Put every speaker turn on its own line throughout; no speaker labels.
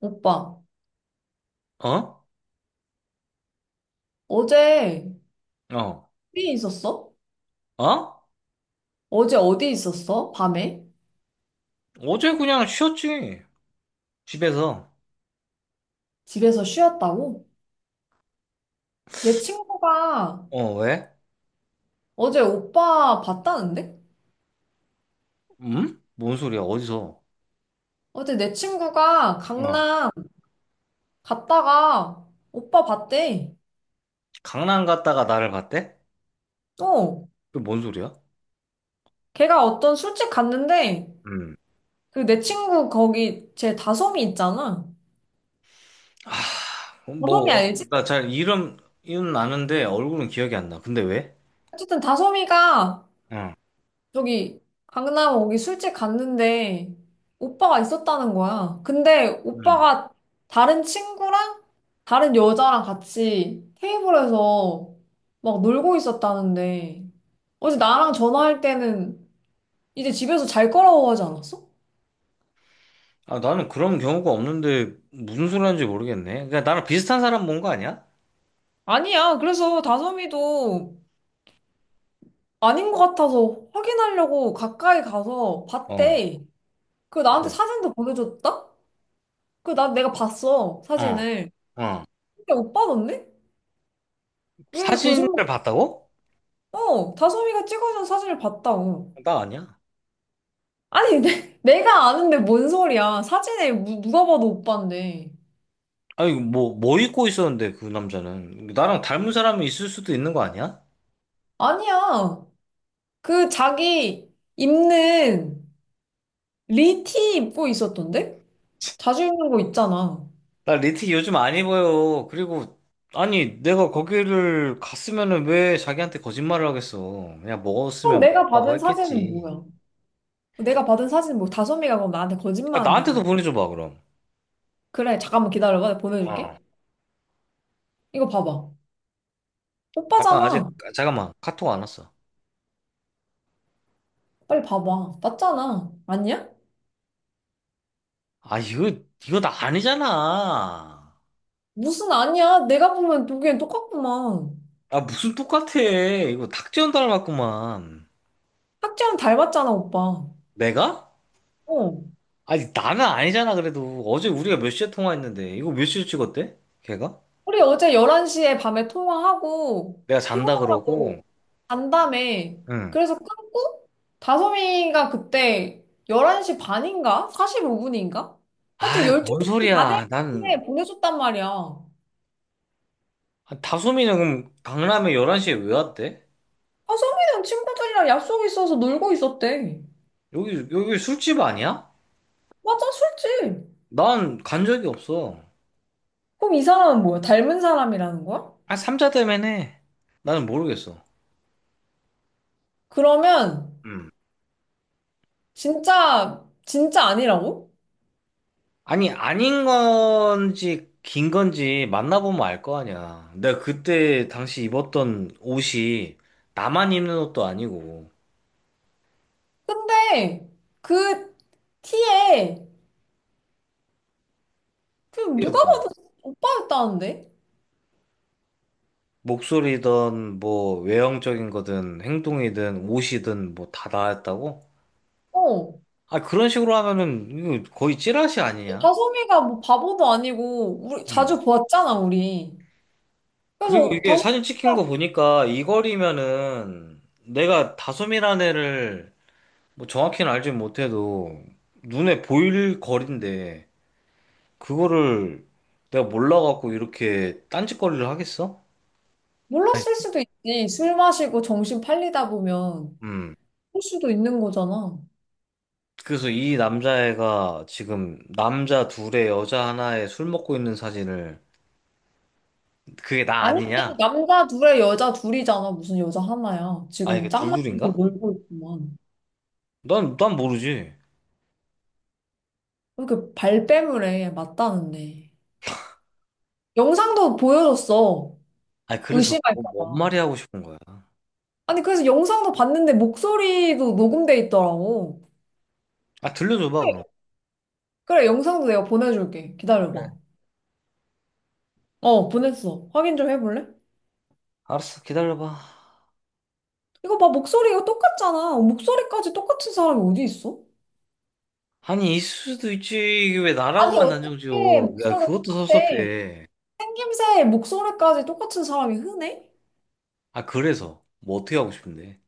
오빠,
어?
어제
어?
어디 있었어?
어?
어제 어디 있었어? 밤에?
어제 그냥 쉬었지. 집에서.
집에서 쉬었다고? 내 친구가
어, 왜?
어제 오빠 봤다는데?
음? 뭔 소리야? 어디서?
어제 내 친구가
어.
강남 갔다가 오빠 봤대.
강남 갔다가 나를 봤대?
어,
그 뭔 소리야?
걔가 어떤 술집 갔는데
음.
그 내 친구 거기 제 다솜이 있잖아.
아,
다솜이
뭐,
알지?
나 잘 이름 아는데 얼굴은 기억이 안 나. 근데 왜?
어쨌든 다솜이가
응.
저기 강남 거기 술집 갔는데 오빠가 있었다는 거야. 근데
음.
오빠가 다른 친구랑 다른 여자랑 같이 테이블에서 막 놀고 있었다는데 어제 나랑 전화할 때는 이제 집에서 잘 거라고 하지 않았어?
아, 나는 그런 경우가 없는데 무슨 소리 하는지 모르겠네. 그러니까 나랑 비슷한 사람 본 거 아니야?
아니야. 그래서 다솜이도 아닌 것 같아서 확인하려고 가까이 가서
어.
봤대. 그 나한테
그래.
사진도 보내줬다? 그 나 내가 봤어
어.
사진을.
어.
근데 오빠던데? 왜
사진을
거짓말?
봤다고?
어, 다솜이가 찍어준 사진을 봤다고.
나 아니야.
아니, 내가 아는데 뭔 소리야. 사진에 누가 봐도 오빠인데.
아니, 뭐, 입고 있었는데, 그 남자는. 나랑 닮은 사람이 있을 수도 있는 거 아니야?
아니야. 그 자기 입는 리티 입고 있었던데? 자주 입는 거 있잖아.
나리티기 요즘 안 입어요. 그리고, 아니, 내가 거기를 갔으면은 왜 자기한테 거짓말을 하겠어. 그냥
그럼
먹었으면
내가
먹었다고
받은 사진은
했겠지.
뭐야? 내가 받은 사진은 뭐 다솜이가 그럼 나한테
아,
거짓말
나한테도
한다는.
보내줘봐, 그럼.
그래, 잠깐만 기다려봐. 내가 보내줄게.
어.
이거 봐봐.
잠깐, 아직,
오빠잖아.
잠깐만. 카톡 안 왔어.
빨리 봐봐. 맞잖아. 아니야?
아, 이거 나 아니잖아.
무슨 아니야? 내가 보면 보기엔 똑같구만.
아, 무슨 똑같아. 이거 탁재현 닮았구만.
학지랑 닮았잖아, 오빠.
내가?
어.
아니, 나는 아니잖아, 그래도. 어제 우리가 몇 시에 통화했는데. 이거 몇 시에 찍었대? 걔가?
우리 어제 11시에 밤에 통화하고
내가 잔다 그러고.
피곤하다고 간다며.
응.
그래서 끊고 다솜이가 그때 11시 반인가? 45분인가? 하여튼
아, 뭔
12시 다될
소리야.
때 보내줬단 말이야. 아,
아, 다솜이는 그럼 강남에 11시에 왜 왔대?
소민는 친구들이랑 약속이 있어서 놀고 있었대.
여기 술집 아니야?
맞아, 술집.
난 간 적이 없어.
그럼 이 사람은 뭐야? 닮은 사람이라는 거야?
아, 삼자 때문에. 나는 모르겠어.
그러면
응.
진짜 진짜 아니라고?
아니, 아닌 건지, 긴 건지 만나보면 알 거 아니야. 내가 그때 당시 입었던 옷이 나만 입는 옷도 아니고.
근데 그 티에 그
이게
누가
뭐
봐도 오빠였다는데?
목소리든 뭐 외형적인 거든 행동이든 옷이든 뭐 다 나았다고?
어.
아 그런 식으로 하면은 이거 거의 찌라시 아니냐?
다솜이가 뭐 바보도 아니고 우리
음.
자주 보았잖아 우리.
그리고
그래서
이게
다솜이가
사진 찍힌 거 보니까 이 거리면은 내가 다솜이라는 애를 뭐 정확히는 알지 못해도 눈에 보일 거리인데 그거를 내가 몰라갖고 이렇게 딴짓거리를 하겠어? 아니,
몰랐을 수도 있지. 술 마시고 정신 팔리다 보면
음.
할 수도 있는 거잖아.
그래서 이 남자애가 지금 남자 둘에 여자 하나에 술 먹고 있는 사진을 그게 나
아니지,
아니냐?
남자 둘에 여자 둘이잖아. 무슨 여자 하나야.
아
지금
이게
짝맞춰서
둘둘인가?
놀고 있구만.
난 모르지.
왜 이렇게 발뺌을 해, 맞다는데. 영상도 보여줬어.
아니 그래서
의심할까
뭔
봐.
말이 하고 싶은 거야.
아니, 그래서 영상도 봤는데 목소리도 녹음돼 있더라고.
아 들려줘봐
그래,
그럼.
그래, 영상도 내가 보내줄게.
그래.
기다려봐. 어, 보냈어. 확인 좀 해볼래?
알았어 기다려봐.
이거 봐, 목소리가 똑같잖아. 목소리까지 똑같은 사람이 어디 있어?
아니 있을 수도 있지. 이게 왜
아니,
나라고만 단정
어떻게
지어. 야
목소리가
그것도
똑같대?
섭섭해.
생김새, 목소리까지 똑같은 사람이 흔해?
아 그래서 뭐 어떻게 하고 싶은데?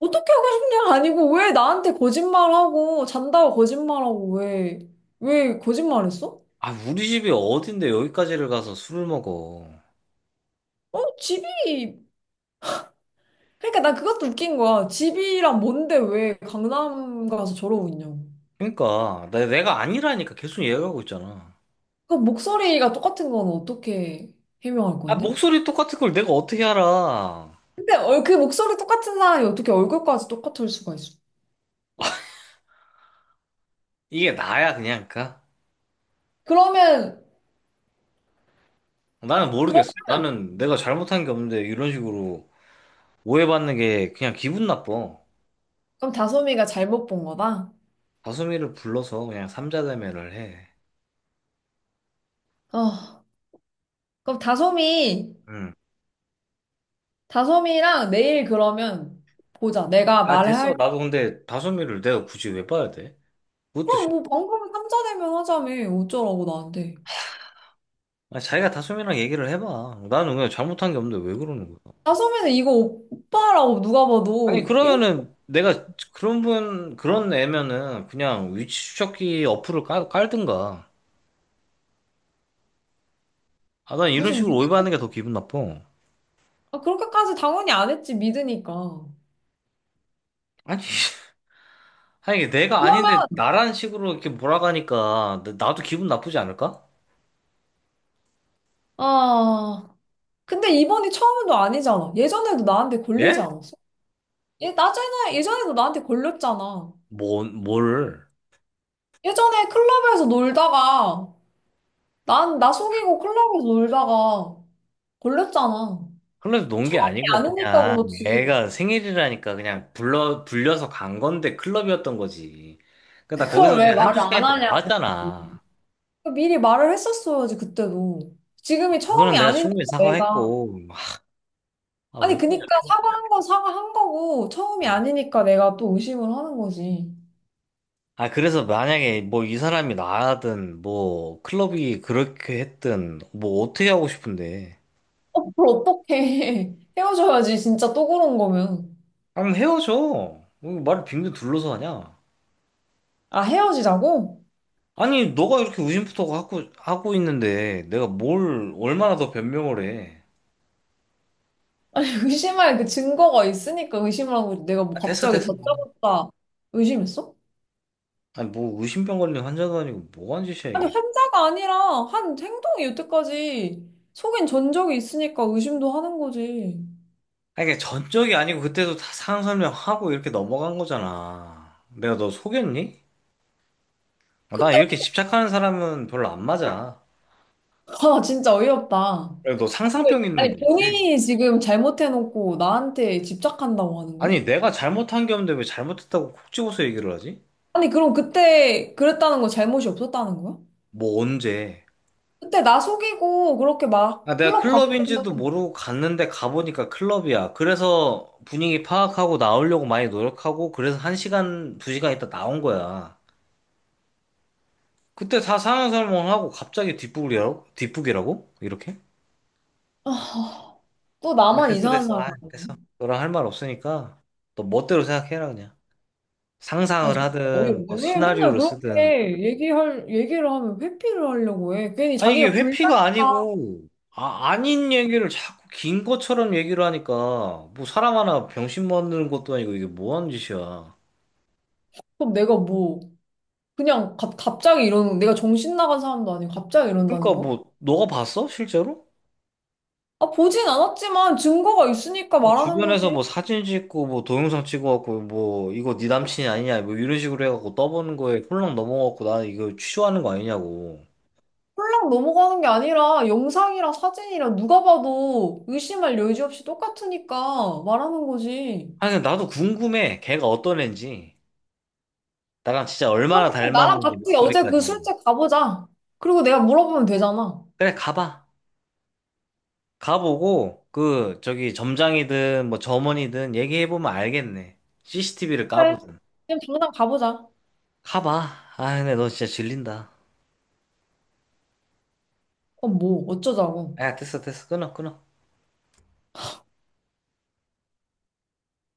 어떻게 하고 싶냐? 아니고, 왜 나한테 거짓말하고, 잔다고 거짓말하고, 왜, 왜 거짓말했어?
아 우리 집이 어딘데 여기까지를 가서 술을 먹어.
어, 집이 그러니까 나 그것도 웃긴 거야. 집이랑 뭔데 왜 강남 가서 저러고 있냐고.
그러니까 내가 아니라니까 계속 얘기하고 있잖아.
그 목소리가 똑같은 건 어떻게 해명할
아,
건데?
목소리 똑같은 걸 내가 어떻게 알아?
근데 그 목소리 똑같은 사람이 어떻게 얼굴까지 똑같을 수가 있어?
이게 나야, 그냥, 그니까?
그러면
나는
그럼
모르겠어. 나는 내가 잘못한 게 없는데, 이런 식으로 오해받는 게 그냥 기분 나빠.
그럼 다솜이가 잘못 본 거다.
다솜이를 불러서 그냥 삼자대면을 해.
어, 그럼
응.
다솜이랑 내일 그러면 보자. 내가
아,
말을
됐어.
할 때.
나도 근데 다솜이를 내가 굳이 왜 봐야 돼? 그것도
그럼
싫어.
뭐 방금 삼자대면 하자며. 어쩌라고 나한테.
아, 자기가 다솜이랑 얘기를 해봐. 나는 그냥 잘못한 게 없는데 왜 그러는 거야?
다솜이는 이거 오빠라고 누가
아니,
봐도 이렇게,
그러면은 내가 그런 분, 그런 애면은 그냥 위치 추적기 어플을 깔든가. 아, 난 이런
무슨
식으로
미친.
오해받는 게 더 기분 나빠.
아, 그렇게까지 당연히 안 했지, 믿으니까.
아니, 아니, 이게 내가
그러면,
아닌데 나라는 식으로 이렇게 몰아가니까 나도 기분 나쁘지 않을까?
아, 근데 이번이 처음도 아니잖아. 예전에도 나한테 걸리지
예?
않았어? 예 나전에 예전에도 나한테 걸렸잖아.
뭐, 뭘.
예전에 클럽에서 놀다가, 나 속이고 클럽에서 놀다가 걸렸잖아.
흘에서논 게
처음이
아니고
아니니까
그냥
그렇지.
애가 생일이라니까 그냥 불려서 간 건데 클럽이었던 거지. 그러니까 나
그걸
거기서
왜
그냥 한두
말을 안
시간에 또
하냐고.
나왔잖아.
미리 말을 했었어야지, 그때도. 지금이 처음이
그거는 내가
아니니까
충분히
내가.
사과했고. 아, 왜
아니,
그러냐,
그니까
피곤해.
사과한 건 사과한 거고, 처음이 아니니까 내가 또 의심을 하는 거지.
아, 그래서 만약에 뭐 이 사람이 나든 뭐 클럽이 그렇게 했든 뭐 어떻게 하고 싶은데.
어, 그걸 어떡해. 헤어져야지, 진짜 또 그런 거면.
아니, 헤어져. 왜 말을 빙빙 둘러서 하냐?
아, 헤어지자고?
아니, 너가 이렇게 우심부터 하고 있는데, 내가 뭘, 얼마나 더 변명을 해.
의심할 그 증거가 있으니까 의심을 하고 내가 뭐
아, 됐어,
갑자기 다
됐어.
짜봤다. 의심했어?
아니, 뭐, 의심병 걸린 환자도 아니고, 뭐 하는 짓이야,
아니,
이게.
환자가 아니라 한 행동이 여태까지 속인 전적이 있으니까 의심도 하는 거지.
아니, 그냥 전적이 아니고, 그때도 다 상황 설명하고, 이렇게 넘어간 거잖아. 내가 너 속였니? 아,
그때,
나 이렇게 집착하는 사람은 별로 안 맞아.
아, 진짜 어이없다.
그래, 너 상상병 있는
아니,
거 같아.
본인이 지금 잘못해놓고 나한테 집착한다고 하는 거야?
아니, 내가 잘못한 게 없는데, 왜 잘못했다고 콕 집어서 얘기를 하지?
아니, 그럼 그때 그랬다는 거 잘못이 없었다는 거야?
뭐, 언제?
그때 나 속이고 그렇게
아,
막
내가
클럽 광고.
클럽인지도 모르고 갔는데 가보니까 클럽이야. 그래서 분위기 파악하고 나오려고 많이 노력하고 그래서 1시간, 2시간 있다 나온 거야. 그때 다 상영설명하고 갑자기 뒷북이라고? 뒷북이라고? 이렇게?
또
아,
나만
됐어,
이상한
됐어.
사람
아,
아니네.
됐어. 너랑 할 말 없으니까 너 멋대로 생각해라 그냥.
아,
상상을
진짜
하든
어이없네.
뭐
왜 맨날
시나리오를 쓰든.
그렇게 얘기를 하면 회피를 하려고 해. 괜히
아니 이게
자기가 불리하니까.
회피가 아니고 아, 아닌 얘기를 자꾸 긴 것처럼 얘기를 하니까 뭐 사람 하나 병신 만드는 것도 아니고 이게 뭐 하는 짓이야.
그럼 내가 뭐, 그냥 갑자기 이러는, 내가 정신 나간 사람도 아니고 갑자기 이런다는
그러니까
거야?
뭐 너가 봤어? 실제로?
아, 보진 않았지만 증거가 있으니까
뭐
말하는
주변에서
거지.
뭐 사진 찍고 뭐 동영상 찍어갖고 뭐 이거 네 남친이 아니냐 뭐 이런 식으로 해갖고 떠보는 거에 홀랑 넘어갖고 나 이거 취소하는 거 아니냐고.
홀랑 넘어가는 게 아니라 영상이랑 사진이랑 누가 봐도 의심할 여지 없이 똑같으니까 말하는 거지.
아니 근데 나도 궁금해. 걔가 어떤 애인지. 나랑 진짜
그러면
얼마나
나랑
닮았는지
같이 어제 그
목소리까지.
술집 가보자. 그리고 내가 물어보면 되잖아.
그래 가봐. 가보고 그 저기 점장이든 뭐 점원이든 얘기해보면 알겠네. CCTV를
그래.
까보든.
그냥 당장 가보자.
가봐. 아 근데 너 진짜 질린다.
그럼 뭐, 어쩌자고.
야 됐어 됐어 끊어 끊어.